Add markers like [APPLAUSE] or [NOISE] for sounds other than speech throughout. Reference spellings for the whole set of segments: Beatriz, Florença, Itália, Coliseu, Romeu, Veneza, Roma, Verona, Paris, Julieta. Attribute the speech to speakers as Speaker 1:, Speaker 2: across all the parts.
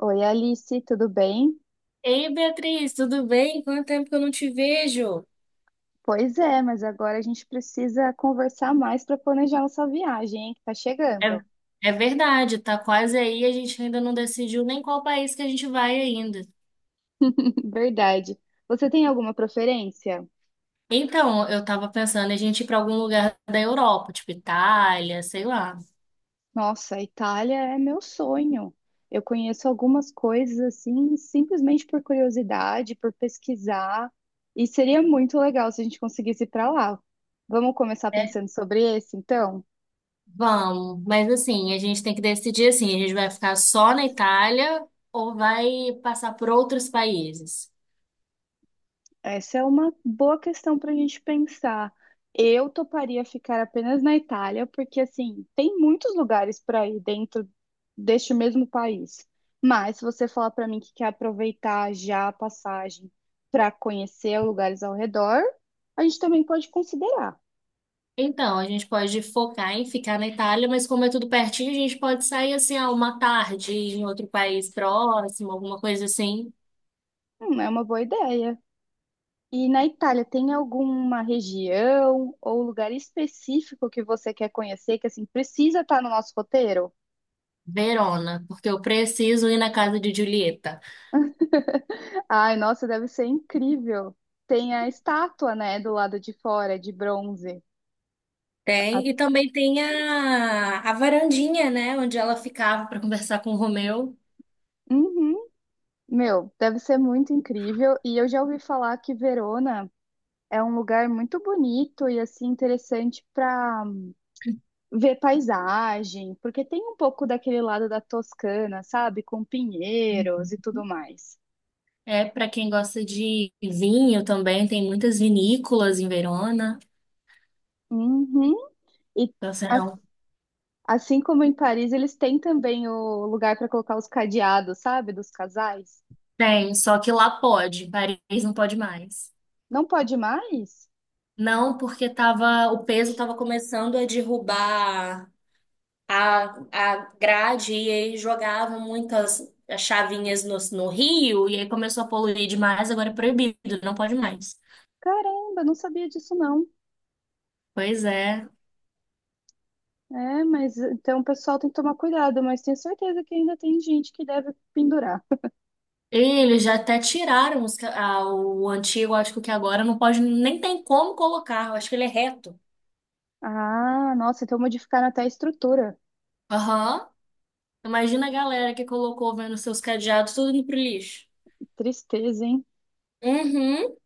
Speaker 1: Oi, Alice, tudo bem?
Speaker 2: Ei, Beatriz, tudo bem? Quanto tempo que eu não te vejo?
Speaker 1: Pois é, mas agora a gente precisa conversar mais para planejar nossa viagem, hein, que tá
Speaker 2: É,
Speaker 1: chegando.
Speaker 2: é verdade, tá quase aí, a gente ainda não decidiu nem qual país que a gente vai ainda.
Speaker 1: [LAUGHS] Verdade. Você tem alguma preferência?
Speaker 2: Então, eu tava pensando em a gente ir pra algum lugar da Europa, tipo Itália, sei lá.
Speaker 1: Nossa, a Itália é meu sonho. Eu conheço algumas coisas assim, simplesmente por curiosidade, por pesquisar, e seria muito legal se a gente conseguisse ir para lá. Vamos começar
Speaker 2: É,
Speaker 1: pensando sobre esse, então?
Speaker 2: vamos, mas assim, a gente tem que decidir assim, a gente vai ficar só na Itália ou vai passar por outros países?
Speaker 1: Essa é uma boa questão para a gente pensar. Eu toparia ficar apenas na Itália, porque assim, tem muitos lugares para ir dentro deste mesmo país. Mas se você falar para mim que quer aproveitar já a passagem para conhecer lugares ao redor, a gente também pode considerar.
Speaker 2: Então, a gente pode focar em ficar na Itália, mas como é tudo pertinho, a gente pode sair assim, ah, uma tarde em outro país próximo, alguma coisa assim.
Speaker 1: É uma boa ideia. E na Itália, tem alguma região ou lugar específico que você quer conhecer que assim precisa estar no nosso roteiro?
Speaker 2: Verona, porque eu preciso ir na casa de Julieta.
Speaker 1: Ai, nossa, deve ser incrível. Tem a estátua, né, do lado de fora, de bronze. A-
Speaker 2: Tem, e também tem a varandinha, né, onde ela ficava para conversar com o Romeu.
Speaker 1: Uhum. Meu, deve ser muito incrível. E eu já ouvi falar que Verona é um lugar muito bonito e assim interessante para ver paisagem, porque tem um pouco daquele lado da Toscana, sabe, com pinheiros e tudo mais.
Speaker 2: É, para quem gosta de vinho também, tem muitas vinícolas em Verona.
Speaker 1: Uhum. E
Speaker 2: Então, assim,
Speaker 1: a- assim como em Paris, eles têm também o lugar para colocar os cadeados, sabe, dos casais.
Speaker 2: tem, só que lá pode, em Paris não pode mais.
Speaker 1: Não pode mais?
Speaker 2: Não, porque tava, o peso tava começando a derrubar a, a grade e aí jogavam muitas chavinhas no rio e aí começou a poluir demais, agora é proibido, não pode mais.
Speaker 1: Caramba, não sabia disso não.
Speaker 2: Pois é.
Speaker 1: É, mas então o pessoal tem que tomar cuidado, mas tenho certeza que ainda tem gente que deve pendurar.
Speaker 2: E eles já até tiraram ah, o antigo, acho que agora não pode, nem tem como colocar, eu acho que ele é reto.
Speaker 1: Ah, nossa, então modificaram até a estrutura.
Speaker 2: Aham. Imagina a galera que colocou vendo seus cadeados tudo indo pro lixo.
Speaker 1: Tristeza, hein?
Speaker 2: Uhum.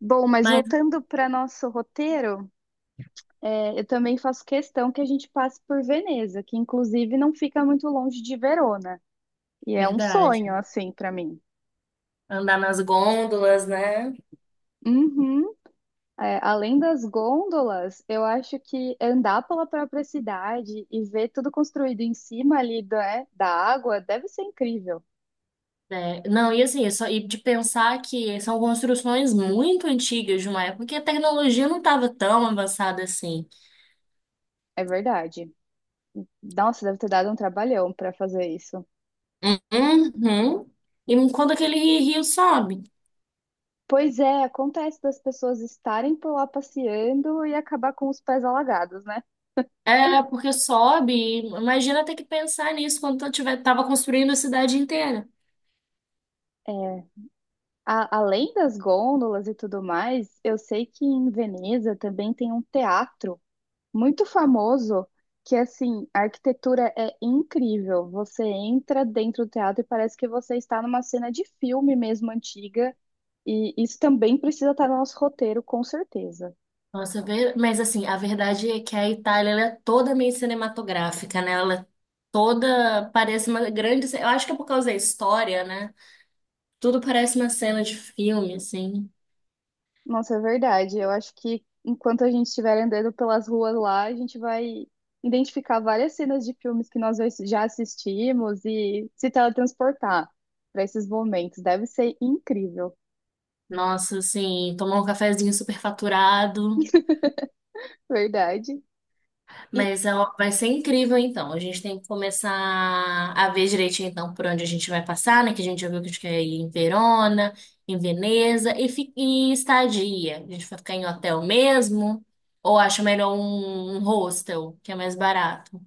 Speaker 1: Bom, mas
Speaker 2: Mas,
Speaker 1: voltando para nosso roteiro, é, eu também faço questão que a gente passe por Veneza, que inclusive não fica muito longe de Verona. E é um sonho,
Speaker 2: verdade.
Speaker 1: assim, para mim.
Speaker 2: Andar nas gôndolas, né?
Speaker 1: Uhum. É, além das gôndolas, eu acho que andar pela própria cidade e ver tudo construído em cima ali da da água deve ser incrível.
Speaker 2: É, não, e assim, é só, e de pensar que são construções muito antigas de uma época que a tecnologia não estava tão avançada assim.
Speaker 1: É verdade. Nossa, deve ter dado um trabalhão para fazer isso.
Speaker 2: Uhum. E quando aquele rio sobe?
Speaker 1: Pois é, acontece das pessoas estarem por lá passeando e acabar com os pés alagados, né?
Speaker 2: É, porque sobe, e imagina ter que pensar nisso quando eu tiver, tava construindo a cidade inteira.
Speaker 1: É, além das gôndolas e tudo mais, eu sei que em Veneza também tem um teatro muito famoso que assim, a arquitetura é incrível. Você entra dentro do teatro e parece que você está numa cena de filme mesmo antiga, e isso também precisa estar no nosso roteiro, com certeza.
Speaker 2: Nossa, mas assim, a verdade é que a Itália, ela é toda meio cinematográfica, né? Ela é toda, parece uma grande. Eu acho que é por causa da história, né? Tudo parece uma cena de filme, assim.
Speaker 1: Nossa, é verdade. Eu acho que enquanto a gente estiver andando pelas ruas lá, a gente vai identificar várias cenas de filmes que nós já assistimos e se teletransportar para esses momentos. Deve ser incrível.
Speaker 2: Nossa, assim, tomar um cafezinho super faturado.
Speaker 1: Verdade. E
Speaker 2: Mas é, ó, vai ser incrível, então. A gente tem que começar a ver direitinho, então, por onde a gente vai passar, né? Que a gente já viu que a gente quer ir em Verona, em Veneza e estadia. A gente vai ficar em hotel mesmo? Ou acha melhor um hostel, que é mais barato?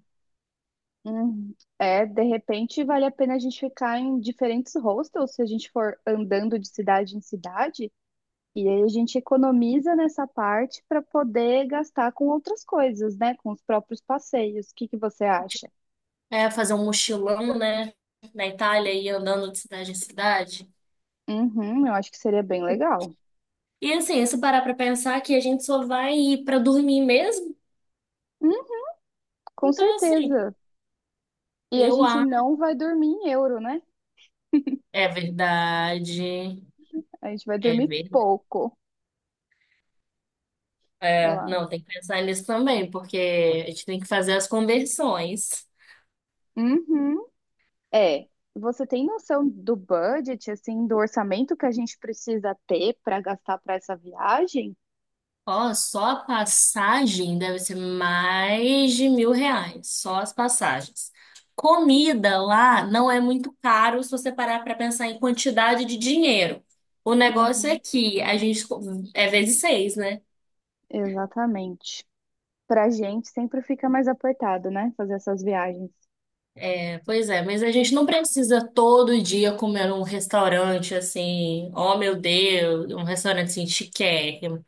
Speaker 1: Hum, É, de repente vale a pena a gente ficar em diferentes hostels se a gente for andando de cidade em cidade, e aí a gente economiza nessa parte para poder gastar com outras coisas, né? Com os próprios passeios. O que que você acha?
Speaker 2: É, fazer um mochilão, né? Na Itália e ir andando de cidade em cidade.
Speaker 1: Uhum, eu acho que seria bem legal.
Speaker 2: E assim, se parar pra pensar que a gente só vai ir pra dormir mesmo,
Speaker 1: Hum, com
Speaker 2: então assim.
Speaker 1: certeza. E a
Speaker 2: Eu
Speaker 1: gente
Speaker 2: acho.
Speaker 1: não vai dormir em euro, né?
Speaker 2: É verdade.
Speaker 1: A gente vai
Speaker 2: É
Speaker 1: dormir
Speaker 2: verdade.
Speaker 1: pouco, eu
Speaker 2: É,
Speaker 1: acho.
Speaker 2: não, tem que pensar nisso também, porque a gente tem que fazer as conversões.
Speaker 1: Uhum. É, você tem noção do budget, assim, do orçamento que a gente precisa ter para gastar para essa viagem?
Speaker 2: Ó, só a passagem deve ser mais de 1.000 reais. Só as passagens. Comida lá não é muito caro se você parar para pensar em quantidade de dinheiro. O negócio é
Speaker 1: Uhum,
Speaker 2: que a gente é vezes seis, né?
Speaker 1: exatamente. Pra gente sempre fica mais apertado, né? Fazer essas viagens.
Speaker 2: Pois é, mas a gente não precisa todo dia comer num restaurante assim, oh meu Deus, um restaurante assim chiquérrimo.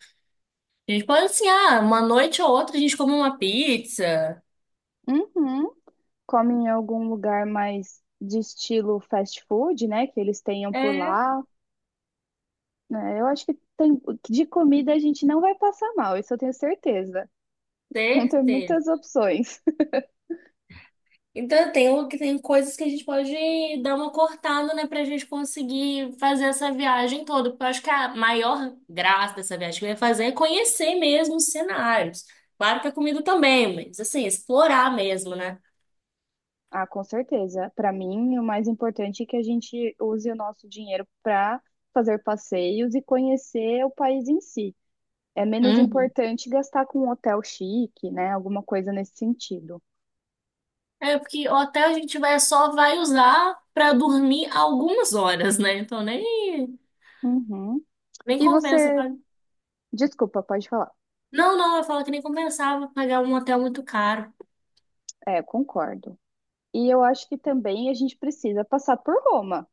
Speaker 2: A gente pode assim, ah, uma noite ou outra a gente come uma pizza.
Speaker 1: Uhum. Come em algum lugar mais de estilo fast food, né? Que eles tenham por
Speaker 2: É,
Speaker 1: lá. Né? Eu acho que tem, de comida a gente não vai passar mal, isso eu tenho certeza. Vão ter muitas
Speaker 2: certeza.
Speaker 1: opções.
Speaker 2: Então tem coisas que a gente pode dar uma cortada, né, pra gente conseguir fazer essa viagem toda. Porque eu acho que a maior graça dessa viagem que eu ia fazer é conhecer mesmo os cenários. Claro que a comida também, mas assim, explorar mesmo, né?
Speaker 1: Ah, com certeza. Para mim, o mais importante é que a gente use o nosso dinheiro para fazer passeios e conhecer o país em si. É menos importante gastar com um hotel chique, né? Alguma coisa nesse sentido.
Speaker 2: É porque o hotel a gente vai só vai usar pra dormir algumas horas, né? Então nem
Speaker 1: Uhum.
Speaker 2: nem
Speaker 1: E
Speaker 2: compensa
Speaker 1: você,
Speaker 2: pagar.
Speaker 1: desculpa, pode falar.
Speaker 2: Não, não, eu falo que nem compensava pagar um hotel muito caro.
Speaker 1: É, concordo. E eu acho que também a gente precisa passar por Roma.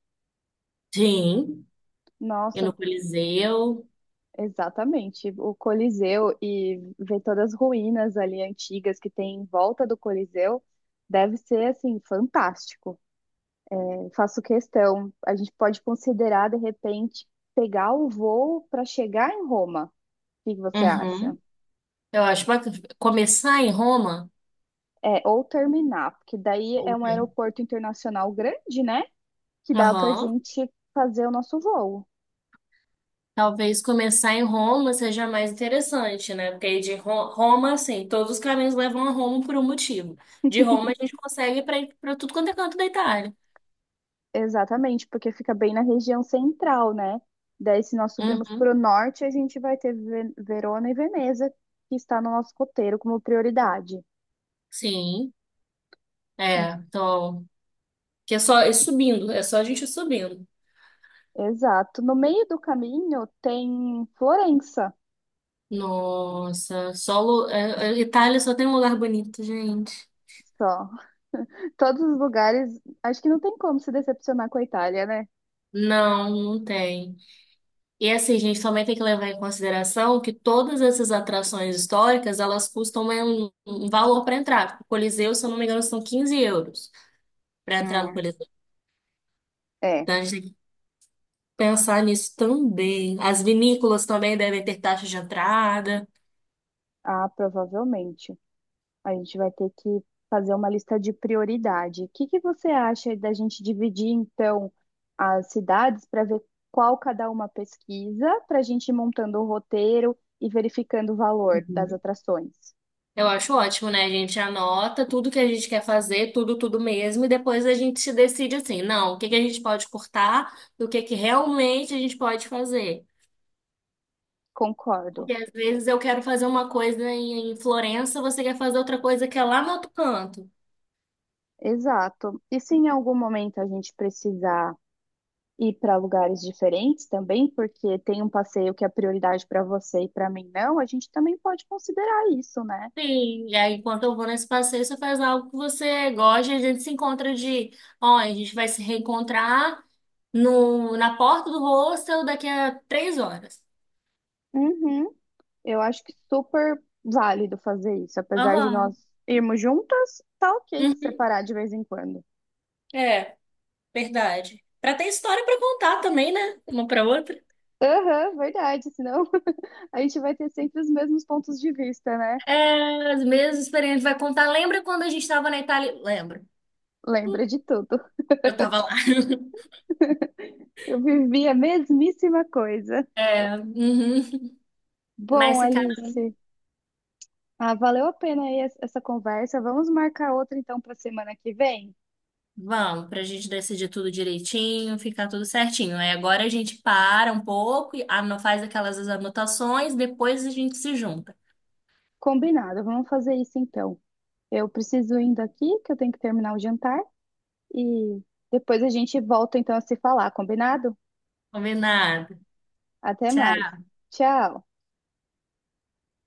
Speaker 2: Sim, e no
Speaker 1: Nossa,
Speaker 2: Coliseu.
Speaker 1: exatamente. O Coliseu e ver todas as ruínas ali antigas que tem em volta do Coliseu deve ser assim fantástico. Eu faço questão. A gente pode considerar, de repente, pegar o voo para chegar em Roma. O que que você acha?
Speaker 2: Uhum. Eu acho bacana começar em Roma.
Speaker 1: É, ou terminar, porque daí é
Speaker 2: Ou
Speaker 1: um
Speaker 2: tem.
Speaker 1: aeroporto internacional grande, né? Que dá para a
Speaker 2: Aham.
Speaker 1: gente fazer o nosso voo.
Speaker 2: Talvez começar em Roma seja mais interessante, né? Porque aí de Roma, assim, todos os caminhos levam a Roma por um motivo. De Roma a gente consegue para ir para tudo quanto é canto da Itália.
Speaker 1: Exatamente, porque fica bem na região central, né? Daí, se nós subirmos
Speaker 2: Uhum.
Speaker 1: para o norte, a gente vai ter Verona e Veneza, que está no nosso roteiro como prioridade.
Speaker 2: Sim. É, então, que é só é subindo, é só a gente ir subindo.
Speaker 1: Exato. No meio do caminho tem Florença.
Speaker 2: Nossa, solo, é, é, Itália só tem um lugar bonito, gente.
Speaker 1: Só. [LAUGHS] Todos os lugares. Acho que não tem como se decepcionar com a Itália, né?
Speaker 2: Não, não tem. E assim, gente, também tem que levar em consideração que todas essas atrações históricas, elas custam né, um valor para entrar. Tipo, o Coliseu, se eu não me engano, são 15 euros para entrar no
Speaker 1: Hum,
Speaker 2: Coliseu.
Speaker 1: é.
Speaker 2: Então, a gente tem que pensar nisso também. As vinícolas também devem ter taxa de entrada.
Speaker 1: Ah, provavelmente. A gente vai ter que fazer uma lista de prioridade. O que que você acha da gente dividir, então, as cidades para ver qual cada uma pesquisa, para a gente ir montando o roteiro e verificando o valor das atrações?
Speaker 2: Eu acho ótimo, né? A gente anota tudo que a gente quer fazer, tudo, tudo mesmo, e depois a gente se decide assim, não, o que que a gente pode cortar e o que que realmente a gente pode fazer.
Speaker 1: Concordo.
Speaker 2: Porque às vezes eu quero fazer uma coisa em Florença, você quer fazer outra coisa que é lá no outro canto.
Speaker 1: Exato. E se em algum momento a gente precisar ir para lugares diferentes também, porque tem um passeio que é prioridade para você e para mim não, a gente também pode considerar isso, né?
Speaker 2: Sim, e aí enquanto eu vou nesse passeio, você faz algo que você gosta, e a gente se encontra de, ó, a gente vai se reencontrar no, na porta do hostel daqui a 3 horas.
Speaker 1: Uhum. Eu acho que super válido fazer isso, apesar de nós
Speaker 2: Aham.
Speaker 1: irmos juntas, tá ok se
Speaker 2: Uhum.
Speaker 1: separar de vez em quando.
Speaker 2: É. Verdade. Pra ter história pra contar também, né? Uma pra outra.
Speaker 1: Aham, verdade, senão [LAUGHS] a gente vai ter sempre os mesmos pontos de vista, né?
Speaker 2: É, as mesmas experiências vai contar. Lembra quando a gente estava na Itália? Lembro.
Speaker 1: Lembra de tudo.
Speaker 2: Eu tava lá. [LAUGHS]
Speaker 1: Eu vivi a mesmíssima coisa.
Speaker 2: É, uhum.
Speaker 1: Bom,
Speaker 2: Mas, cara,
Speaker 1: Alice, ah, valeu a pena aí essa conversa. Vamos marcar outra então para semana que vem?
Speaker 2: vamos, pra gente decidir tudo direitinho, ficar tudo certinho. Aí agora a gente para um pouco, e faz aquelas anotações, depois a gente se junta.
Speaker 1: Combinado, vamos fazer isso então. Eu preciso indo aqui, que eu tenho que terminar o jantar, e depois a gente volta então a se falar, combinado?
Speaker 2: Combinado.
Speaker 1: Até mais.
Speaker 2: Tchau.
Speaker 1: Tchau.